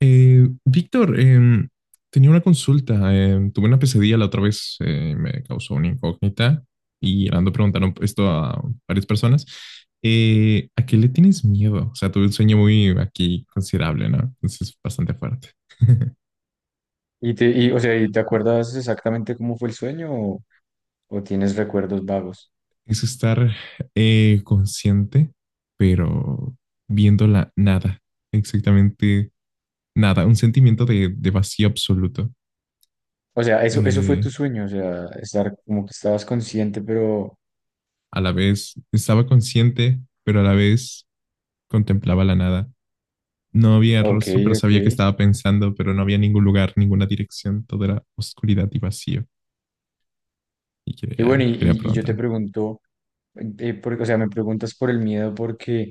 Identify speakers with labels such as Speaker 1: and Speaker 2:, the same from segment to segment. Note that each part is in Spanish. Speaker 1: Víctor, tenía una consulta. Tuve una pesadilla la otra vez, me causó una incógnita y ando preguntaron esto a varias personas. ¿A qué le tienes miedo? O sea, tuve un sueño muy aquí considerable, ¿no? Entonces, bastante fuerte.
Speaker 2: ¿Y te, y, o sea, ¿y te acuerdas exactamente cómo fue el sueño o tienes recuerdos vagos?
Speaker 1: Es estar consciente, pero viendo la nada, exactamente nada, un sentimiento de vacío absoluto.
Speaker 2: O sea, eso fue
Speaker 1: Eh,
Speaker 2: tu sueño, o sea, estar como que estabas consciente, pero
Speaker 1: a la vez estaba consciente, pero a la vez contemplaba la nada. No había
Speaker 2: ok,
Speaker 1: rostro, pero
Speaker 2: ok.
Speaker 1: sabía que estaba pensando, pero no había ningún lugar, ninguna dirección. Todo era oscuridad y vacío.
Speaker 2: Y bueno, y,
Speaker 1: Quería
Speaker 2: y- y yo te
Speaker 1: preguntar.
Speaker 2: pregunto, por- o sea, me preguntas por el miedo porque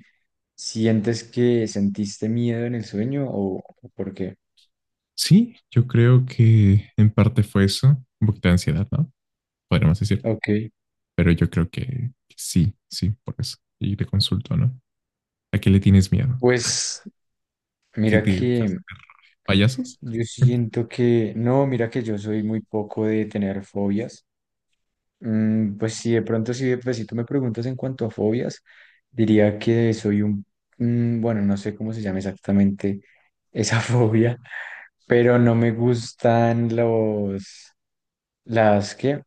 Speaker 2: sientes que sentiste miedo en el sueño o por qué.
Speaker 1: Sí, yo creo que en parte fue eso. Un poquito de ansiedad, ¿no? Podríamos decir.
Speaker 2: Ok,
Speaker 1: Pero yo creo que sí, sí, por eso. Y te consulto, ¿no? ¿A qué le tienes miedo?
Speaker 2: pues
Speaker 1: ¿Qué
Speaker 2: mira
Speaker 1: te
Speaker 2: que
Speaker 1: payasos?
Speaker 2: yo siento que, no, mira que yo soy muy poco de tener fobias. Pues sí, de pronto, si, pues, si tú me preguntas en cuanto a fobias, diría que soy un, bueno, no sé cómo se llama exactamente esa fobia, pero no me gustan los, las, ¿qué?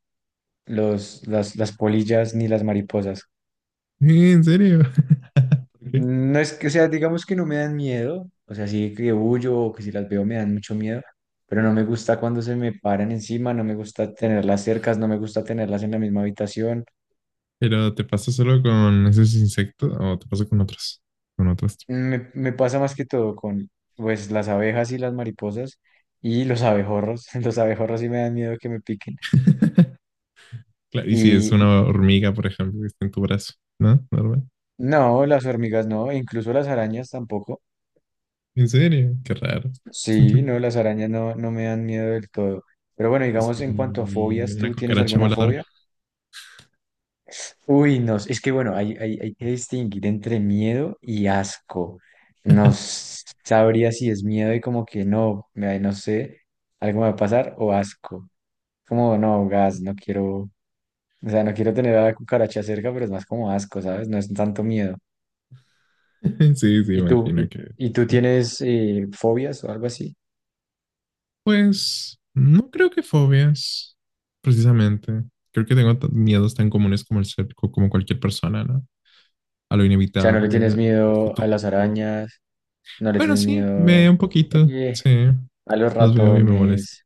Speaker 2: Los, las polillas ni las mariposas.
Speaker 1: ¿En serio? ¿Por qué?
Speaker 2: No es que, o sea, digamos que no me dan miedo, o sea, sí que huyo o que si las veo me dan mucho miedo, pero no me gusta cuando se me paran encima, no me gusta tenerlas cercas, no me gusta tenerlas en la misma habitación.
Speaker 1: ¿Pero te pasa solo con esos insectos o te pasa con otros? Con otros.
Speaker 2: Me pasa más que todo con pues las abejas y las mariposas y los abejorros. Los abejorros sí me dan miedo que me piquen.
Speaker 1: Claro, y si es
Speaker 2: Y
Speaker 1: una hormiga, por ejemplo, que está en tu brazo, ¿no? Normal.
Speaker 2: no, las hormigas no, e incluso las arañas tampoco.
Speaker 1: ¿En serio? Qué raro.
Speaker 2: Sí, no, las arañas no, no me dan miedo del todo. Pero bueno, digamos en cuanto a
Speaker 1: Sí,
Speaker 2: fobias,
Speaker 1: una
Speaker 2: ¿tú tienes
Speaker 1: cucaracha
Speaker 2: alguna
Speaker 1: voladora.
Speaker 2: fobia? Uy, no, es que bueno, hay que distinguir entre miedo y asco. No s- sabría si es miedo y como que no, me- no sé, algo me va a pasar o asco. Como, no, gas, no quiero, o sea, no quiero tener a la cucaracha cerca, pero es más como asco, ¿sabes? No es tanto miedo.
Speaker 1: Sí, sí,
Speaker 2: ¿Y tú?
Speaker 1: imagino
Speaker 2: ¿Y,
Speaker 1: que.
Speaker 2: y tú tienes fobias o algo así?
Speaker 1: Pues no creo que fobias, precisamente. Creo que tengo miedos tan comunes como el ser, como cualquier persona, ¿no? A lo
Speaker 2: O sea, ¿no le
Speaker 1: inevitable,
Speaker 2: tienes
Speaker 1: al
Speaker 2: miedo a
Speaker 1: futuro.
Speaker 2: las arañas? ¿No le
Speaker 1: Bueno,
Speaker 2: tienes
Speaker 1: sí, me
Speaker 2: miedo
Speaker 1: un poquito,
Speaker 2: eh,
Speaker 1: sí.
Speaker 2: a los
Speaker 1: Los veo y me molesto.
Speaker 2: ratones?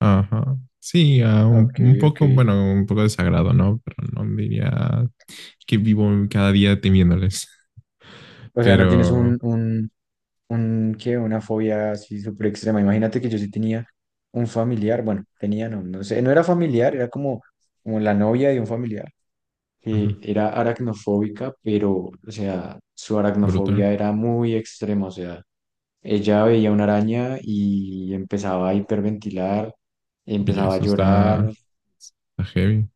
Speaker 1: Ajá. Sí, ah,
Speaker 2: Ok,
Speaker 1: un
Speaker 2: ok.
Speaker 1: poco, bueno, un poco desagrado, ¿no? Pero no diría que vivo cada día temiéndoles.
Speaker 2: O sea, ¿no tienes
Speaker 1: Pero,
Speaker 2: un, qué, una fobia así súper extrema? Imagínate que yo sí tenía un familiar, bueno, tenía, no, no sé, no era familiar, era como, como la novia de un familiar que
Speaker 1: ajá,
Speaker 2: era aracnofóbica, pero, o sea, su
Speaker 1: brutal.
Speaker 2: aracnofobia era muy extrema, o sea, ella veía una araña y empezaba a hiperventilar,
Speaker 1: Oye,
Speaker 2: empezaba a llorar,
Speaker 1: está heavy.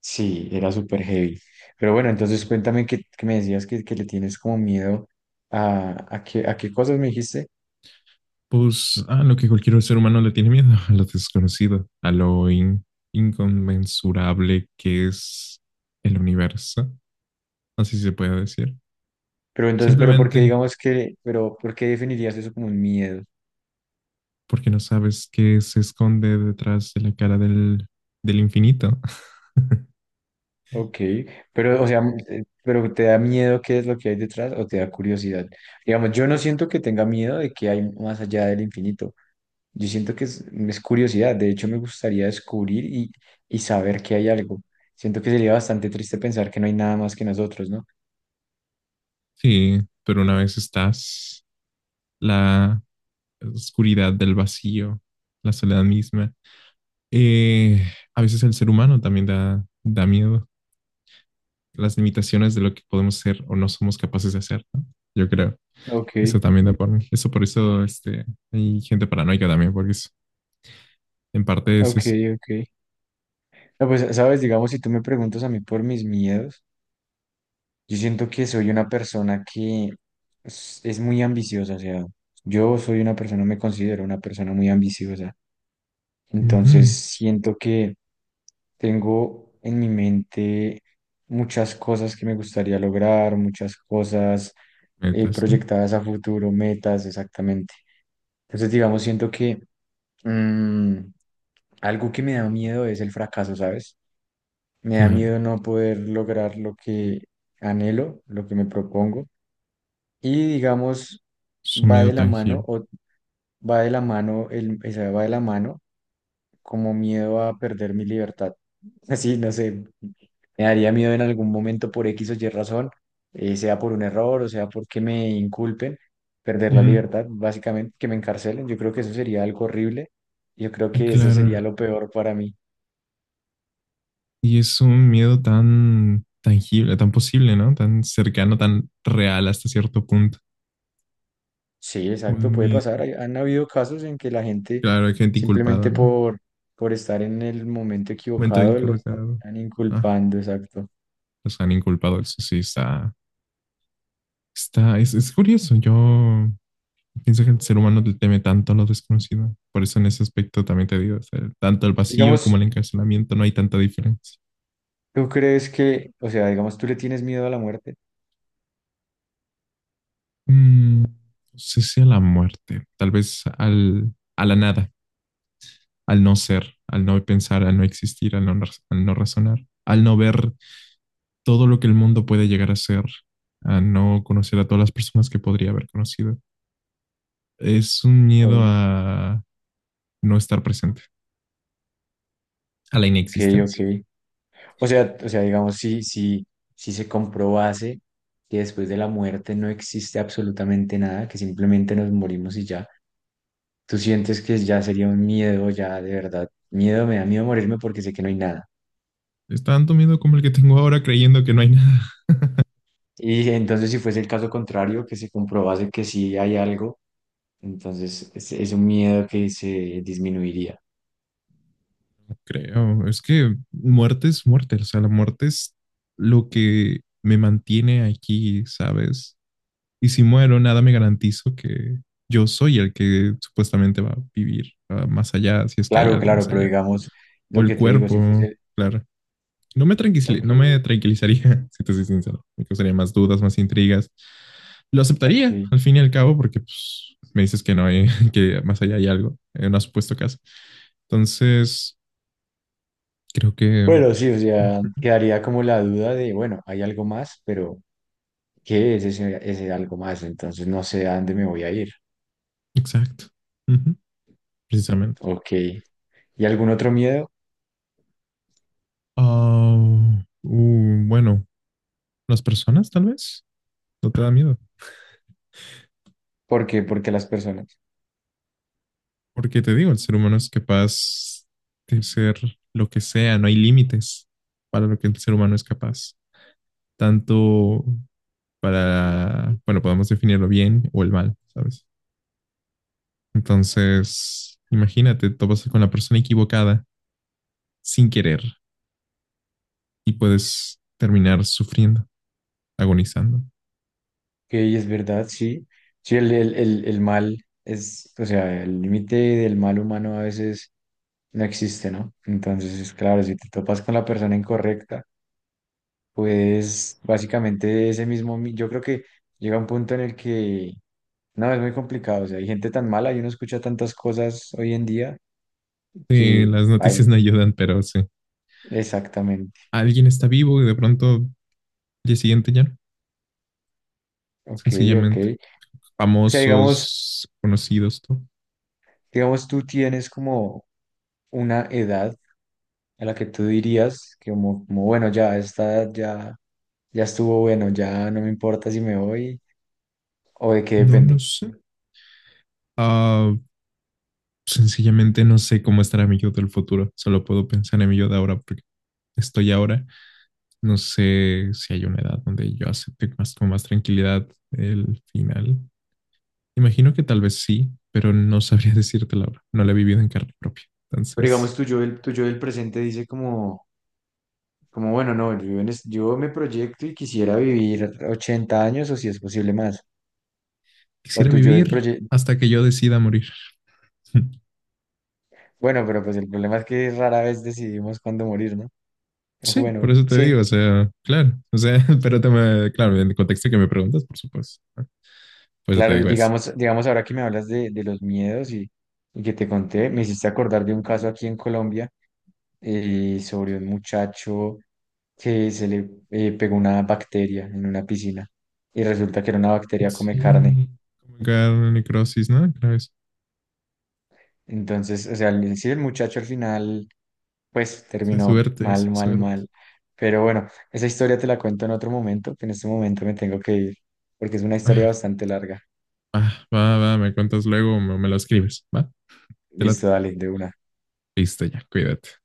Speaker 2: sí, era súper heavy. Pero bueno, entonces cuéntame que me decías que le tienes como miedo a qué cosas me dijiste,
Speaker 1: Pues, a lo que cualquier ser humano le tiene miedo, a lo desconocido, a lo inconmensurable que es el universo, así se puede decir.
Speaker 2: pero entonces, pero ¿por
Speaker 1: Simplemente
Speaker 2: qué digamos que, pero ¿por qué definirías eso como un miedo?
Speaker 1: porque no sabes qué se esconde detrás de del infinito.
Speaker 2: Ok, pero, o sea, pero ¿te da miedo qué es lo que hay detrás o te da curiosidad? Digamos, yo no siento que tenga miedo de que hay más allá del infinito. Yo siento que es, es curiosidad. De hecho, me gustaría descubrir y saber que hay algo. Siento que sería bastante triste pensar que no hay nada más que nosotros, ¿no?
Speaker 1: Sí, pero una vez estás, la oscuridad del vacío, la soledad misma. Eh, a veces el ser humano también da miedo, las limitaciones de lo que podemos ser o no somos capaces de hacer, ¿no? Yo creo.
Speaker 2: Ok,
Speaker 1: Eso también da por mí. Eso por hay gente paranoica también, en parte es
Speaker 2: ok,
Speaker 1: eso.
Speaker 2: ok. No, pues, sabes, digamos, si tú me preguntas a mí por mis miedos, yo siento que soy una persona que es muy ambiciosa. O sea, yo soy una persona, me considero una persona muy ambiciosa.
Speaker 1: Ujú.
Speaker 2: Entonces siento que tengo en mi mente muchas cosas que me gustaría lograr, muchas cosas
Speaker 1: Metas, ¿no?
Speaker 2: proyectadas a futuro, metas, exactamente. Entonces, digamos, siento que mm, algo que me da miedo es el fracaso, ¿sabes? Me da
Speaker 1: Claro,
Speaker 2: miedo no poder lograr lo que anhelo, lo que me propongo. Y digamos,
Speaker 1: su
Speaker 2: va
Speaker 1: miedo
Speaker 2: de la mano,
Speaker 1: tangible.
Speaker 2: o va de la mano, el, o sea, va de la mano como miedo a perder mi libertad. Así, no sé, me daría miedo en algún momento por X o Y razón, sea por un error o sea porque me inculpen, perder la
Speaker 1: Ujú.
Speaker 2: libertad, básicamente que me encarcelen. Yo creo que eso sería algo horrible. Yo creo
Speaker 1: Y
Speaker 2: que eso sería
Speaker 1: claro,
Speaker 2: lo peor para mí.
Speaker 1: y es un miedo tan tangible, tan posible, ¿no? Tan cercano, tan real hasta cierto punto.
Speaker 2: Sí, exacto,
Speaker 1: Un
Speaker 2: puede pasar.
Speaker 1: miedo.
Speaker 2: Hay- Han habido casos en que la gente
Speaker 1: Claro, hay gente inculpada,
Speaker 2: simplemente
Speaker 1: ¿no?
Speaker 2: por estar en el momento
Speaker 1: Momento de
Speaker 2: equivocado los
Speaker 1: inculpado.
Speaker 2: están
Speaker 1: Ah,
Speaker 2: inculpando, exacto.
Speaker 1: los han inculpado, eso sí está. Está, es curioso. Yo pienso que el ser humano le teme tanto a lo desconocido. Por eso en ese aspecto también te digo, o sea, tanto el vacío como
Speaker 2: Digamos,
Speaker 1: el encarcelamiento no hay tanta diferencia.
Speaker 2: ¿tú crees que, o sea, digamos, tú le tienes miedo a la muerte?
Speaker 1: Mm, no sé si a la muerte, tal vez a la nada, al no ser, al no pensar, al no existir, al no razonar, al no ver todo lo que el mundo puede llegar a ser, a no conocer a todas las personas que podría haber conocido. Es un miedo a no estar presente, a la
Speaker 2: Ok, ok.
Speaker 1: inexistencia.
Speaker 2: O sea, digamos, si se comprobase que después de la muerte no existe absolutamente nada, que simplemente nos morimos y ya, tú sientes que ya sería un miedo, ya de verdad, miedo, me da miedo morirme porque sé que no hay nada.
Speaker 1: Es tanto miedo como el que tengo ahora creyendo que no hay nada.
Speaker 2: Y entonces, si fuese el caso contrario, que se comprobase que sí hay algo, entonces es un miedo que se disminuiría.
Speaker 1: No creo, es que muerte es muerte, o sea, la muerte es lo que me mantiene aquí, ¿sabes? Y si muero, nada me garantizo que yo soy el que supuestamente va a vivir ah, más allá, si es que hay
Speaker 2: Claro,
Speaker 1: algo más
Speaker 2: claro, pero
Speaker 1: allá.
Speaker 2: digamos,
Speaker 1: O
Speaker 2: lo
Speaker 1: el
Speaker 2: que te digo, si
Speaker 1: cuerpo,
Speaker 2: fuese,
Speaker 1: claro.
Speaker 2: ok,
Speaker 1: No me tranquilizaría, si te soy sincero. Me causaría más dudas, más intrigas. Lo
Speaker 2: ok.
Speaker 1: aceptaría, al fin y al cabo, porque pues, me dices que no hay, que más allá hay algo, en una supuesto caso. Entonces, creo que...
Speaker 2: Bueno, sí, o sea,
Speaker 1: Ujú.
Speaker 2: quedaría como la duda de, bueno, hay algo más, pero ¿qué es ese, ese algo más? Entonces no sé a dónde me voy a ir.
Speaker 1: Exacto. Ujú, precisamente.
Speaker 2: Ok. ¿Y algún otro miedo?
Speaker 1: Ah, bueno, las personas tal vez. ¿No te da miedo?
Speaker 2: ¿Por qué? Porque las personas.
Speaker 1: Porque te digo, el ser humano es capaz de ser lo que sea, no hay límites para lo que el ser humano es capaz, tanto para, bueno, podemos definirlo bien o el mal, ¿sabes? Entonces, imagínate, topas con la persona equivocada sin querer y puedes terminar sufriendo, agonizando.
Speaker 2: Ok, es verdad, sí. Sí, el mal es, o sea, el límite del mal humano a veces no existe, ¿no? Entonces, claro, si te topas con la persona incorrecta, pues básicamente ese mismo, mi- yo creo que llega un punto en el que No, es muy complicado. O sea, hay gente tan mala y uno escucha tantas cosas hoy en día
Speaker 1: Sí,
Speaker 2: que
Speaker 1: las noticias
Speaker 2: baila.
Speaker 1: no ayudan, pero sí.
Speaker 2: Exactamente.
Speaker 1: Alguien está vivo y de pronto al día siguiente ya no,
Speaker 2: Ok, ok.
Speaker 1: sencillamente.
Speaker 2: O sea, digamos,
Speaker 1: Famosos, conocidos, todo.
Speaker 2: digamos, tú tienes como una edad a la que tú dirías que como, como bueno, ya, esta edad ya, ya estuvo bueno, ya no me importa si me voy o de qué
Speaker 1: No lo
Speaker 2: depende.
Speaker 1: sé. Uh, Sencillamente no sé cómo estará mi yo del futuro. Solo puedo pensar en mi yo de ahora porque estoy ahora. No sé si hay una edad donde yo acepte más, con más tranquilidad el final. Imagino que tal vez sí, pero no sabría decirte la hora. No la he vivido en carne propia.
Speaker 2: Pero
Speaker 1: Entonces,
Speaker 2: digamos, tu yo del presente dice como, como bueno, no, yo, en es- yo me proyecto y quisiera vivir 80 años o si es posible más. O
Speaker 1: quisiera
Speaker 2: tu yo del,
Speaker 1: vivir
Speaker 2: proye-
Speaker 1: hasta que yo decida morir.
Speaker 2: Bueno, pero pues el problema es que rara vez decidimos cuándo morir, ¿no?
Speaker 1: Sí, por
Speaker 2: Bueno,
Speaker 1: eso te
Speaker 2: sí,
Speaker 1: digo, o sea, claro, o sea, pero te me, claro, en el contexto que me preguntas, por supuesto, ¿no? Por eso te
Speaker 2: claro, y
Speaker 1: digo eso.
Speaker 2: digamos, digamos ahora que me hablas de los miedos y que te conté, me hiciste acordar de un caso aquí en Colombia sobre un muchacho que se le pegó una bacteria en una piscina y resulta que era una bacteria come carne.
Speaker 1: Sí, como que necrosis, ¿no? Claro,
Speaker 2: Entonces, o sea, el- sí, el muchacho al final, pues
Speaker 1: esa es
Speaker 2: terminó
Speaker 1: suerte, esa
Speaker 2: mal,
Speaker 1: es
Speaker 2: mal,
Speaker 1: suerte.
Speaker 2: mal. Pero bueno, esa historia te la cuento en otro momento, que en este momento me tengo que ir, porque es una historia
Speaker 1: Ah,
Speaker 2: bastante larga.
Speaker 1: ah, va, va, me cuentas luego o me lo escribes, ¿va? Te late.
Speaker 2: Listo, dale, de una.
Speaker 1: Listo, ya, cuídate.